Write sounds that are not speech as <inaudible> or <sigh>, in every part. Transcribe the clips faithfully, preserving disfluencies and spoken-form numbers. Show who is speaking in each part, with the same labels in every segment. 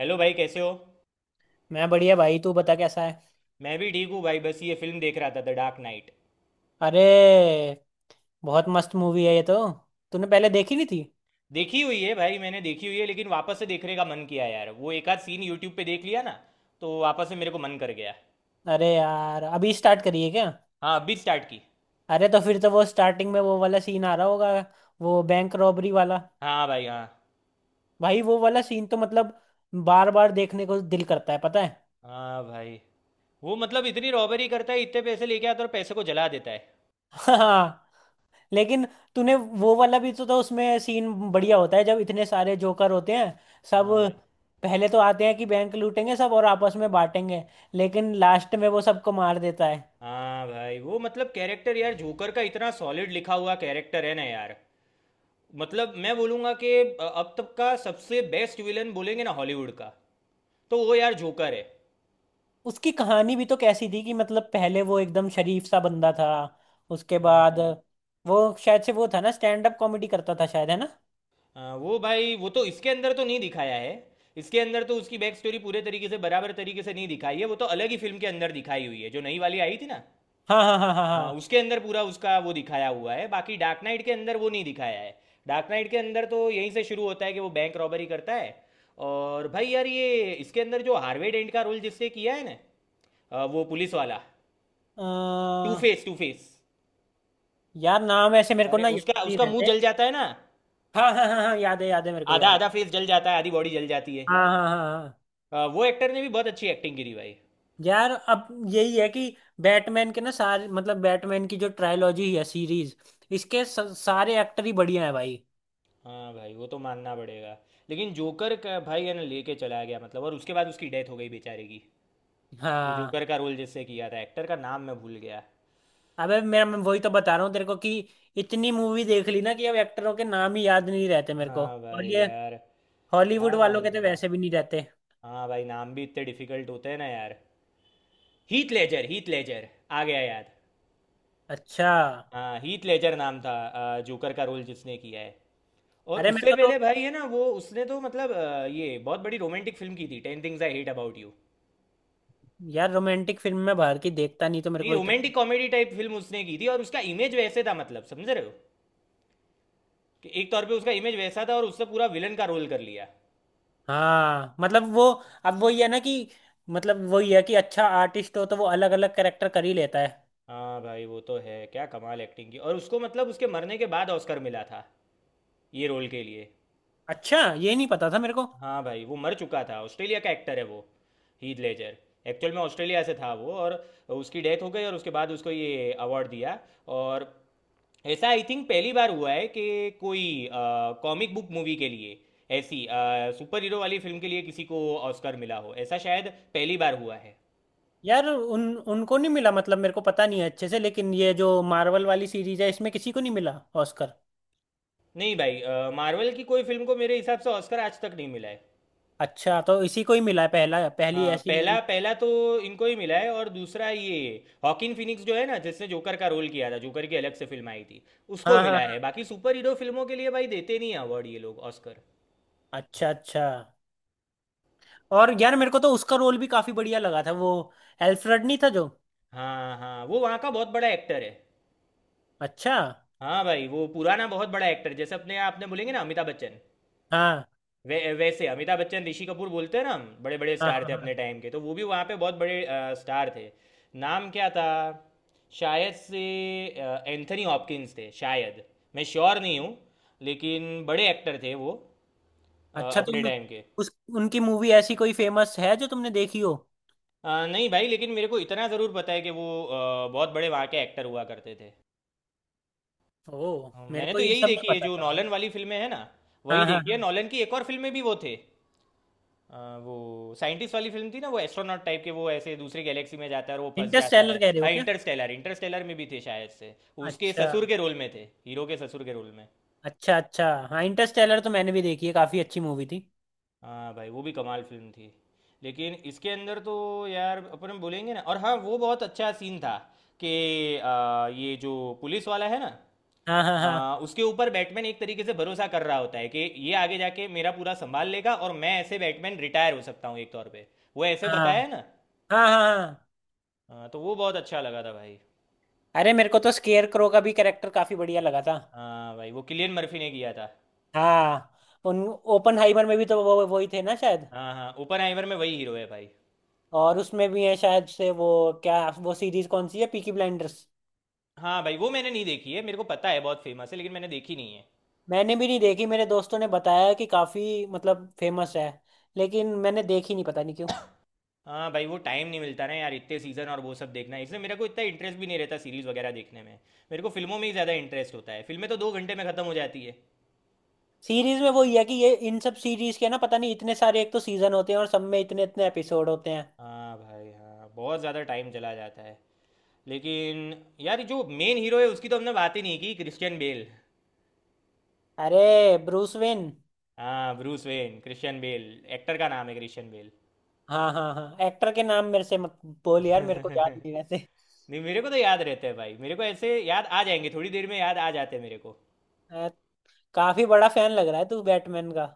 Speaker 1: Hello भाई, कैसे हो?
Speaker 2: मैं बढ़िया भाई। तू बता कैसा है।
Speaker 1: मैं भी ठीक हूँ भाई, बस ये फिल्म देख रहा था, द डार्क नाइट।
Speaker 2: अरे बहुत मस्त मूवी है ये तो। तूने पहले देखी नहीं थी।
Speaker 1: देखी हुई है भाई, मैंने देखी हुई है लेकिन वापस से देखने का मन किया यार, वो एक आध सीन यूट्यूब पे देख लिया ना, तो वापस से मेरे को मन कर गया।
Speaker 2: अरे यार अभी स्टार्ट करी है क्या।
Speaker 1: हाँ अभी स्टार्ट की।
Speaker 2: अरे तो फिर तो वो स्टार्टिंग में वो वाला सीन आ रहा होगा। वो बैंक रॉबरी वाला।
Speaker 1: हाँ भाई हाँ।
Speaker 2: भाई वो वाला सीन तो मतलब बार बार देखने को दिल करता है पता है।
Speaker 1: हाँ भाई, वो मतलब इतनी रॉबरी करता है, इतने पैसे लेके आता है और पैसे को जला देता है।
Speaker 2: <laughs> हाँ। लेकिन तूने वो वाला भी तो, तो उसमें सीन बढ़िया होता है जब इतने सारे जोकर होते हैं सब।
Speaker 1: हाँ भाई।
Speaker 2: पहले तो आते हैं कि बैंक लूटेंगे सब और आपस में बांटेंगे। लेकिन लास्ट में वो सबको मार देता है।
Speaker 1: हाँ भाई, वो मतलब कैरेक्टर यार, जोकर का इतना सॉलिड लिखा हुआ कैरेक्टर है ना यार। मतलब मैं बोलूँगा कि अब तक का सबसे बेस्ट विलन बोलेंगे ना हॉलीवुड का, तो वो यार जोकर है।
Speaker 2: उसकी कहानी भी तो कैसी थी कि मतलब पहले वो एकदम शरीफ सा बंदा था। उसके बाद
Speaker 1: हम्म,
Speaker 2: वो शायद से वो था ना स्टैंड अप कॉमेडी करता था शायद है ना।
Speaker 1: आ, वो भाई, वो तो इसके अंदर तो नहीं दिखाया है। इसके अंदर तो उसकी बैक स्टोरी पूरे तरीके से बराबर तरीके से नहीं दिखाई है, वो तो अलग ही फिल्म के अंदर दिखाई हुई है जो नई वाली आई थी ना।
Speaker 2: हाँ हाँ हाँ हाँ
Speaker 1: हाँ
Speaker 2: हाँ।
Speaker 1: उसके अंदर पूरा उसका वो दिखाया हुआ है, बाकी डार्क नाइट के अंदर वो नहीं दिखाया है। डार्क नाइट के अंदर तो यहीं से शुरू होता है कि वो बैंक रॉबरी करता है। और भाई यार, ये इसके अंदर जो हार्वे डेंट का रोल जिससे किया है ना, आ, वो पुलिस वाला,
Speaker 2: अ,
Speaker 1: टू फेस टू फेस।
Speaker 2: यार नाम ऐसे मेरे को
Speaker 1: अरे
Speaker 2: ना याद
Speaker 1: उसका
Speaker 2: नहीं
Speaker 1: उसका मुंह
Speaker 2: रहते।
Speaker 1: जल जाता है ना,
Speaker 2: हाँ हाँ हाँ हाँ याद है याद है मेरे को
Speaker 1: आधा
Speaker 2: याद है।
Speaker 1: आधा फेस जल जाता है, आधी बॉडी जल जाती है।
Speaker 2: हाँ हाँ हाँ हाँ हाँ।
Speaker 1: हाँ, वो एक्टर ने भी बहुत अच्छी एक्टिंग करी भाई।
Speaker 2: यार अब यही है कि बैटमैन के ना सारे मतलब बैटमैन की जो ट्रायोलॉजी है सीरीज। इसके स- सारे एक्टर ही बढ़िया है भाई।
Speaker 1: हाँ भाई वो तो मानना पड़ेगा। लेकिन जोकर का भाई है ना लेके चला गया मतलब, और उसके बाद उसकी डेथ हो गई बेचारे की। वो
Speaker 2: हाँ।
Speaker 1: जोकर का रोल जिससे किया था, एक्टर का नाम मैं भूल गया।
Speaker 2: अबे मेरा मैं वही तो बता रहा हूँ तेरे को कि इतनी मूवी देख ली ना कि अब एक्टरों के नाम ही याद नहीं रहते मेरे को।
Speaker 1: हाँ
Speaker 2: और
Speaker 1: भाई
Speaker 2: ये
Speaker 1: यार।
Speaker 2: हॉलीवुड
Speaker 1: क्या
Speaker 2: वालों
Speaker 1: नाम
Speaker 2: के तो
Speaker 1: था?
Speaker 2: वैसे भी नहीं रहते।
Speaker 1: हाँ भाई, नाम भी इतने डिफिकल्ट होते हैं ना यार। हीथ लेजर, हीथ लेजर, आ गया याद।
Speaker 2: अच्छा।
Speaker 1: हाँ, हीथ लेजर नाम था, अ, जोकर का रोल जिसने किया है। और
Speaker 2: अरे मेरे
Speaker 1: उससे
Speaker 2: को तो
Speaker 1: पहले भाई है ना, वो उसने तो मतलब अ, ये बहुत बड़ी रोमांटिक फिल्म की थी, Ten Things I Hate About You.
Speaker 2: यार रोमांटिक फिल्म में बाहर की देखता नहीं तो मेरे
Speaker 1: नहीं,
Speaker 2: को इतना।
Speaker 1: रोमांटिक कॉमेडी टाइप फिल्म उसने की थी, और उसका इमेज वैसे था, मतलब समझ रहे हो, कि एक तौर पे उसका इमेज वैसा था, और उससे पूरा विलन का रोल कर लिया।
Speaker 2: हाँ मतलब वो अब वही है ना कि मतलब वही है कि अच्छा आर्टिस्ट हो तो वो अलग अलग कैरेक्टर कर ही लेता है।
Speaker 1: हाँ भाई, वो तो है क्या कमाल एक्टिंग की, और उसको मतलब उसके मरने के बाद ऑस्कर मिला था, ये रोल के लिए।
Speaker 2: अच्छा ये नहीं पता था मेरे को।
Speaker 1: हाँ भाई, वो मर चुका था, ऑस्ट्रेलिया का एक्टर है वो, हीथ लेजर। एक्चुअल में ऑस्ट्रेलिया से था वो, और उसकी डेथ हो गई और उसके बाद उसको ये अवार्ड दिया। और ऐसा आई थिंक पहली बार हुआ है कि कोई कॉमिक बुक मूवी के लिए, ऐसी सुपर हीरो वाली फिल्म के लिए किसी को ऑस्कर मिला हो, ऐसा शायद पहली बार हुआ है।
Speaker 2: यार उन उनको नहीं मिला मतलब मेरे को पता नहीं है अच्छे से। लेकिन ये जो मार्वल वाली सीरीज है इसमें किसी को नहीं मिला ऑस्कर।
Speaker 1: नहीं भाई, मार्वल की कोई फिल्म को मेरे हिसाब से ऑस्कर आज तक नहीं मिला है।
Speaker 2: अच्छा तो इसी को ही मिला है पहला पहली
Speaker 1: हाँ,
Speaker 2: ऐसी
Speaker 1: पहला
Speaker 2: मूवी।
Speaker 1: पहला तो इनको ही मिला है, और दूसरा ये हॉकिन फिनिक्स जो है ना, जिसने जोकर का रोल किया था, जोकर की अलग से फिल्म आई थी, उसको
Speaker 2: हाँ हाँ
Speaker 1: मिला
Speaker 2: हाँ।
Speaker 1: है। बाकी सुपर हीरो फिल्मों के लिए भाई देते नहीं अवार्ड ये लोग, ऑस्कर।
Speaker 2: अच्छा अच्छा। और यार मेरे को तो उसका रोल भी काफी बढ़िया लगा था। वो एल्फ्रेड नहीं था जो।
Speaker 1: हाँ हाँ, वो वहाँ का बहुत बड़ा एक्टर है।
Speaker 2: अच्छा।
Speaker 1: हाँ भाई, वो पुराना बहुत बड़ा एक्टर, जैसे अपने आपने बोलेंगे ना अमिताभ बच्चन।
Speaker 2: हाँ
Speaker 1: वै, वैसे अमिताभ बच्चन ऋषि कपूर बोलते हैं ना, हम बड़े बड़े
Speaker 2: हाँ
Speaker 1: स्टार
Speaker 2: हाँ
Speaker 1: थे
Speaker 2: हाँ।
Speaker 1: अपने टाइम के, तो वो भी वहाँ पे बहुत बड़े आ, स्टार थे। नाम क्या था? शायद से एंथनी हॉपकिंस थे शायद, मैं श्योर नहीं हूँ, लेकिन बड़े एक्टर थे वो, अ,
Speaker 2: अच्छा
Speaker 1: अपने
Speaker 2: तो
Speaker 1: टाइम के।
Speaker 2: उस उनकी मूवी ऐसी कोई फेमस है जो तुमने देखी हो।
Speaker 1: अ, नहीं भाई, लेकिन मेरे को इतना ज़रूर पता है कि वो अ, बहुत बड़े वहाँ के एक्टर हुआ करते थे।
Speaker 2: ओ
Speaker 1: अ,
Speaker 2: मेरे
Speaker 1: मैंने
Speaker 2: को
Speaker 1: तो
Speaker 2: ये
Speaker 1: यही
Speaker 2: सब नहीं
Speaker 1: देखी है
Speaker 2: पता
Speaker 1: जो
Speaker 2: था भाई।
Speaker 1: नॉलन वाली फिल्में हैं ना,
Speaker 2: हाँ
Speaker 1: वही
Speaker 2: हाँ
Speaker 1: देखी है।
Speaker 2: हाँ।
Speaker 1: नॉलन की एक और फिल्म में भी वो थे, अ, वो साइंटिस्ट वाली फिल्म थी ना, वो एस्ट्रोनॉट टाइप के, वो ऐसे दूसरी गैलेक्सी में जाता है और वो फंस जाता है।
Speaker 2: इंटरस्टेलर कह रहे हो
Speaker 1: हाँ
Speaker 2: क्या।
Speaker 1: इंटरस्टेलर, इंटरस्टेलर में भी थे शायद से, उसके
Speaker 2: अच्छा
Speaker 1: ससुर के रोल में थे, हीरो के ससुर के रोल में।
Speaker 2: अच्छा। अच्छा हाँ इंटरस्टेलर तो मैंने भी देखी है काफी अच्छी मूवी थी।
Speaker 1: हाँ भाई, वो भी कमाल फिल्म थी। लेकिन इसके अंदर तो यार अपन बोलेंगे ना, और हाँ वो बहुत अच्छा सीन था कि अ, ये जो पुलिस वाला है ना,
Speaker 2: हाँ हाँ
Speaker 1: अ,
Speaker 2: हाँ
Speaker 1: उसके ऊपर बैटमैन एक तरीके से भरोसा कर रहा होता है कि ये आगे जाके मेरा पूरा संभाल लेगा, और मैं ऐसे बैटमैन रिटायर हो सकता हूँ एक तौर पे, वो ऐसे
Speaker 2: हाँ
Speaker 1: बताया है ना।
Speaker 2: हाँ हाँ हाँ।
Speaker 1: हाँ, तो वो बहुत अच्छा लगा था भाई।
Speaker 2: अरे मेरे को तो स्केयर क्रो का भी कैरेक्टर काफी बढ़िया लगा था।
Speaker 1: हाँ भाई, वो किलियन मर्फी ने किया था।
Speaker 2: हाँ। उन ओपन हाइमर में भी तो वो वही थे ना शायद।
Speaker 1: हाँ हाँ, ओपनहाइमर में वही हीरो है भाई।
Speaker 2: और उसमें भी है शायद से वो। क्या वो सीरीज कौन सी है पीकी ब्लाइंडर्स।
Speaker 1: हाँ भाई, वो मैंने नहीं देखी है, मेरे को पता है बहुत फेमस है लेकिन मैंने देखी नहीं है।
Speaker 2: मैंने भी नहीं देखी। मेरे दोस्तों ने बताया कि काफी मतलब फेमस है लेकिन मैंने देखी नहीं पता नहीं क्यों।
Speaker 1: हाँ भाई, वो टाइम नहीं मिलता ना यार, इतने सीज़न और वो सब देखना, इसलिए मेरे को इतना इंटरेस्ट भी नहीं रहता सीरीज़ वगैरह देखने में। मेरे को फिल्मों में ही ज़्यादा इंटरेस्ट होता है, फिल्में तो दो घंटे में ख़त्म हो जाती है।
Speaker 2: सीरीज में वही है कि ये इन सब सीरीज के ना पता नहीं इतने सारे एक तो सीजन होते हैं और सब में इतने इतने एपिसोड होते हैं।
Speaker 1: हाँ भाई हाँ, बहुत ज़्यादा टाइम चला जाता है। लेकिन यार जो मेन हीरो है, उसकी तो हमने बात ही नहीं की, क्रिश्चियन बेल।
Speaker 2: अरे ब्रूस वेन।
Speaker 1: हाँ Bruce Wayne, Christian Bale, actor का नाम है क्रिश्चियन
Speaker 2: हाँ हाँ हाँ एक्टर के नाम मेरे से मत बोल यार
Speaker 1: बेल।
Speaker 2: मेरे को याद नहीं वैसे।
Speaker 1: <laughs> नहीं, मेरे को तो याद रहता है भाई, मेरे को ऐसे याद आ जाएंगे, थोड़ी देर में याद आ जाते हैं मेरे को।
Speaker 2: अ, काफी बड़ा फैन लग रहा है तू बैटमैन का।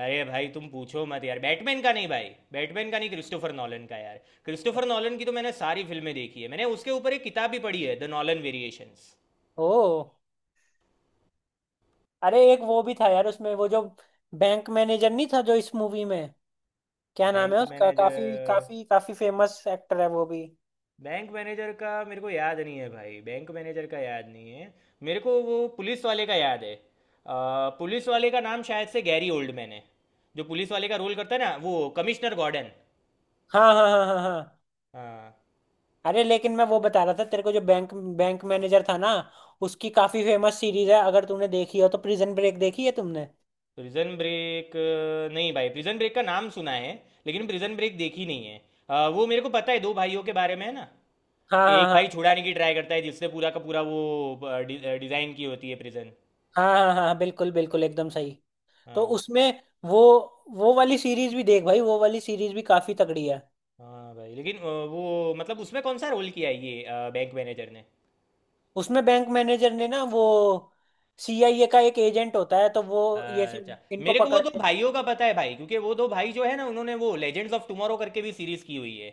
Speaker 1: अरे भाई, तुम पूछो मत यार, बैटमैन का नहीं भाई, बैटमैन का नहीं, क्रिस्टोफर नॉलन का, यार क्रिस्टोफर नॉलन की तो मैंने सारी फिल्में देखी है, मैंने उसके ऊपर एक किताब भी पढ़ी है, द नॉलन वेरिएशंस।
Speaker 2: ओ अरे एक वो भी था यार उसमें वो जो बैंक मैनेजर नहीं था जो इस मूवी में। क्या नाम है
Speaker 1: बैंक
Speaker 2: उसका काफी
Speaker 1: मैनेजर?
Speaker 2: काफी काफी फेमस एक्टर है वो भी।
Speaker 1: बैंक मैनेजर का मेरे को याद नहीं है भाई, बैंक मैनेजर का याद नहीं है। मेरे को वो पुलिस वाले का याद है, अ, पुलिस वाले का नाम शायद से गैरी ओल्डमैन है, जो पुलिस वाले का रोल करता है ना, वो कमिश्नर गॉर्डन।
Speaker 2: हाँ हाँ हाँ हाँ हाँ।
Speaker 1: हाँ।
Speaker 2: अरे लेकिन मैं वो बता रहा था तेरे को जो बैंक बैंक मैनेजर था ना उसकी काफी फेमस सीरीज है। अगर तूने देखी हो तो प्रिजन ब्रेक देखी है तुमने।
Speaker 1: Prison Break? नहीं भाई, प्रिजन ब्रेक का नाम सुना है, लेकिन प्रिजन ब्रेक देखी नहीं है। अ, वो मेरे को पता है, दो भाइयों के बारे में है ना,
Speaker 2: हाँ
Speaker 1: एक
Speaker 2: हाँ
Speaker 1: भाई
Speaker 2: हाँ
Speaker 1: छुड़ाने की ट्राई करता है, जिससे पूरा का पूरा वो अ, डि, अ, डिज़ाइन की होती है प्रिजन।
Speaker 2: हाँ हाँ हाँ बिल्कुल बिल्कुल एकदम सही। तो
Speaker 1: हाँ।
Speaker 2: उसमें वो वो वाली सीरीज भी देख भाई। वो वाली सीरीज भी काफी तगड़ी है।
Speaker 1: हाँ भाई, लेकिन अ, वो मतलब उसमें कौन सा रोल किया है, ये अ, बैंक मैनेजर ने?
Speaker 2: उसमें बैंक मैनेजर ने ना वो सी आई ए का एक एजेंट होता है तो वो ये
Speaker 1: अच्छा,
Speaker 2: सब इनको
Speaker 1: मेरे को वो दो
Speaker 2: पकड़ते हैं।
Speaker 1: भाइयों का पता है भाई, क्योंकि वो दो भाई जो है ना, उन्होंने वो लेजेंड्स ऑफ टुमारो करके भी सीरीज की हुई है।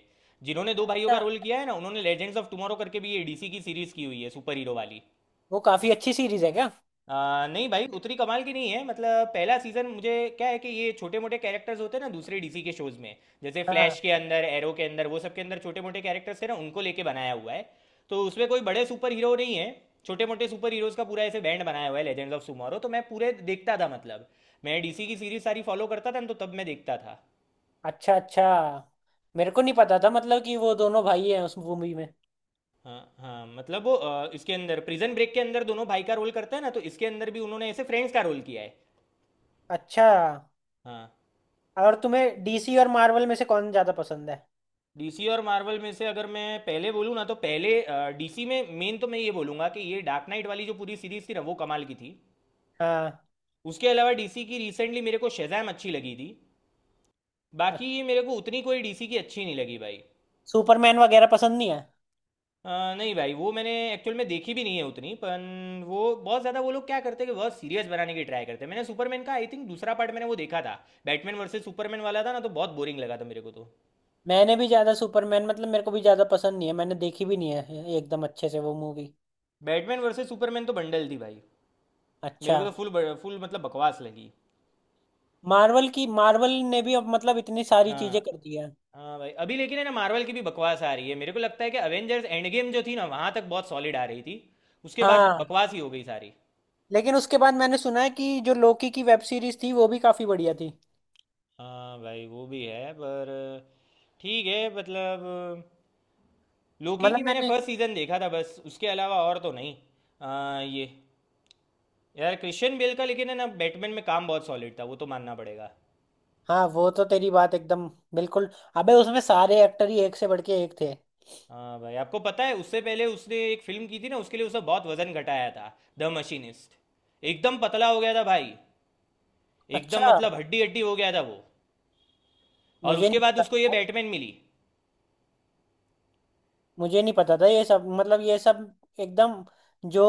Speaker 1: जिन्होंने दो भाइयों का
Speaker 2: अच्छा।
Speaker 1: रोल किया है ना, उन्होंने लेजेंड्स ऑफ टुमारो करके भी ये डीसी की सीरीज की हुई है, सुपर हीरो वाली।
Speaker 2: वो काफी अच्छी सीरीज है क्या।
Speaker 1: आ, नहीं भाई, उतनी कमाल की नहीं है, मतलब पहला सीजन मुझे क्या है कि ये छोटे मोटे कैरेक्टर्स होते हैं ना दूसरे डीसी के शोज में, जैसे फ्लैश
Speaker 2: हाँ
Speaker 1: के अंदर, एरो के अंदर, वो सब के अंदर छोटे मोटे कैरेक्टर्स थे ना, उनको लेके बनाया हुआ है। तो उसमें कोई बड़े सुपर हीरो नहीं है, छोटे मोटे सुपर हीरोज का पूरा ऐसे बैंड बनाया हुआ है लेजेंड्स ऑफ सुमारो, तो मैं पूरे देखता था, मतलब मैं डीसी की सीरीज सारी फॉलो करता था ना, तो तब मैं देखता था।
Speaker 2: अच्छा अच्छा। मेरे को नहीं पता था मतलब कि वो दोनों भाई हैं उस मूवी में।
Speaker 1: हाँ हाँ, मतलब वो अ, इसके अंदर प्रिजन ब्रेक के अंदर दोनों भाई का रोल करता है ना, तो इसके अंदर भी उन्होंने ऐसे फ्रेंड्स का रोल किया है।
Speaker 2: अच्छा।
Speaker 1: हाँ।
Speaker 2: और तुम्हें डीसी और मार्वल में से कौन ज्यादा पसंद है।
Speaker 1: डीसी और मार्वल में से अगर मैं पहले बोलूँ ना, तो पहले डीसी में मेन तो मैं ये बोलूँगा कि ये डार्क नाइट वाली जो पूरी सीरीज थी ना, वो कमाल की थी।
Speaker 2: हाँ।
Speaker 1: उसके अलावा डीसी की रिसेंटली मेरे को शेजैम अच्छी लगी थी, बाकी
Speaker 2: अच्छा,
Speaker 1: ये मेरे को उतनी कोई डीसी की अच्छी नहीं लगी भाई।
Speaker 2: सुपरमैन वगैरह पसंद नहीं है।
Speaker 1: अ, नहीं भाई, वो मैंने एक्चुअल में देखी भी नहीं है उतनी पन, वो बहुत ज़्यादा वो लोग क्या करते हैं कि बहुत सीरियस बनाने की ट्राई करते हैं। मैंने सुपरमैन का आई थिंक दूसरा पार्ट मैंने वो देखा था, बैटमैन वर्सेस सुपरमैन वाला था ना, तो बहुत बोरिंग लगा था मेरे को तो।
Speaker 2: मैंने भी ज्यादा सुपरमैन मतलब मेरे को भी ज्यादा पसंद नहीं है। मैंने देखी भी नहीं है एकदम अच्छे से वो मूवी।
Speaker 1: बैटमैन वर्सेस सुपरमैन तो बंडल थी भाई, मेरे
Speaker 2: अच्छा।
Speaker 1: को तो फुल फुल मतलब बकवास लगी।
Speaker 2: मार्वल की मार्वल ने भी अब मतलब इतनी सारी चीजें
Speaker 1: हाँ।
Speaker 2: कर दी है।
Speaker 1: हाँ भाई, अभी लेकिन है ना मार्वल की भी बकवास आ रही है, मेरे को लगता है कि अवेंजर्स एंड गेम जो थी ना, वहां तक बहुत सॉलिड आ रही थी, उसके बाद
Speaker 2: हाँ।
Speaker 1: बकवास ही हो गई सारी।
Speaker 2: लेकिन उसके बाद मैंने सुना है कि जो लोकी की वेब सीरीज थी वो भी काफी बढ़िया थी।
Speaker 1: हाँ भाई वो भी है, पर ठीक है मतलब, लोकी
Speaker 2: मतलब
Speaker 1: की मैंने
Speaker 2: मैंने।
Speaker 1: फर्स्ट सीजन देखा था बस, उसके अलावा और तो नहीं। आ, ये यार क्रिश्चियन बेल का लेकिन है ना, बैटमैन में काम बहुत सॉलिड था, वो तो मानना पड़ेगा।
Speaker 2: हाँ वो तो तेरी बात एकदम बिल्कुल। अबे उसमें सारे एक्टर ही एक से बढ़ के एक थे।
Speaker 1: हाँ भाई, आपको पता है उससे पहले उसने एक फिल्म की थी ना, उसके लिए उसने बहुत वजन घटाया था, द मशीनिस्ट। एकदम पतला हो गया था भाई, एकदम
Speaker 2: अच्छा।
Speaker 1: मतलब हड्डी हड्डी हो गया था वो। और
Speaker 2: मुझे
Speaker 1: उसके
Speaker 2: नहीं
Speaker 1: बाद
Speaker 2: पता
Speaker 1: उसको ये
Speaker 2: था
Speaker 1: बैटमैन मिली।
Speaker 2: मुझे नहीं पता था ये सब। मतलब ये सब एकदम जो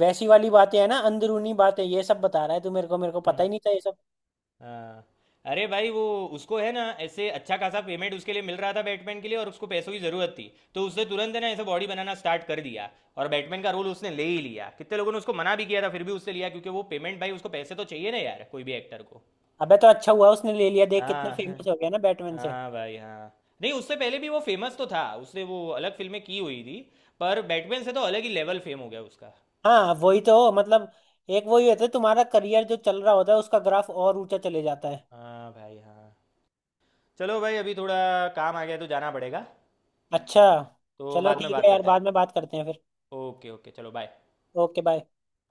Speaker 2: वैसी वाली बातें है ना अंदरूनी बातें ये सब बता रहा है तू मेरे को। मेरे को पता ही नहीं
Speaker 1: <laughs>
Speaker 2: था ये सब।
Speaker 1: हाँ, अरे भाई वो, उसको है ना ऐसे अच्छा खासा पेमेंट उसके लिए मिल रहा था बैटमैन के लिए, और उसको पैसों की ज़रूरत थी, तो उसने तुरंत है ना ऐसे बॉडी बनाना स्टार्ट कर दिया, और बैटमैन का रोल उसने ले ही लिया। कितने लोगों ने उसको मना भी किया था फिर भी उससे लिया, क्योंकि वो पेमेंट भाई, उसको पैसे तो चाहिए ना यार कोई भी एक्टर को।
Speaker 2: अबे तो अच्छा हुआ उसने ले लिया। देख कितने
Speaker 1: हाँ। <laughs> हाँ।
Speaker 2: फेमस हो गया ना बैटमैन से।
Speaker 1: हाँ भाई हाँ। नहीं, उससे पहले भी वो फेमस तो था, उसने वो अलग फिल्में की हुई थी, पर बैटमैन से तो अलग ही लेवल फेम हो गया उसका।
Speaker 2: हाँ वही तो मतलब एक वही होता है तुम्हारा करियर जो चल रहा होता है उसका ग्राफ और ऊंचा चले जाता है।
Speaker 1: हाँ भाई हाँ। चलो भाई, अभी थोड़ा काम आ गया है तो जाना पड़ेगा,
Speaker 2: अच्छा।
Speaker 1: तो
Speaker 2: चलो
Speaker 1: बाद में
Speaker 2: ठीक
Speaker 1: बात
Speaker 2: है यार
Speaker 1: करते हैं।
Speaker 2: बाद में बात करते हैं फिर।
Speaker 1: ओके ओके, चलो बाय।
Speaker 2: Okay bye.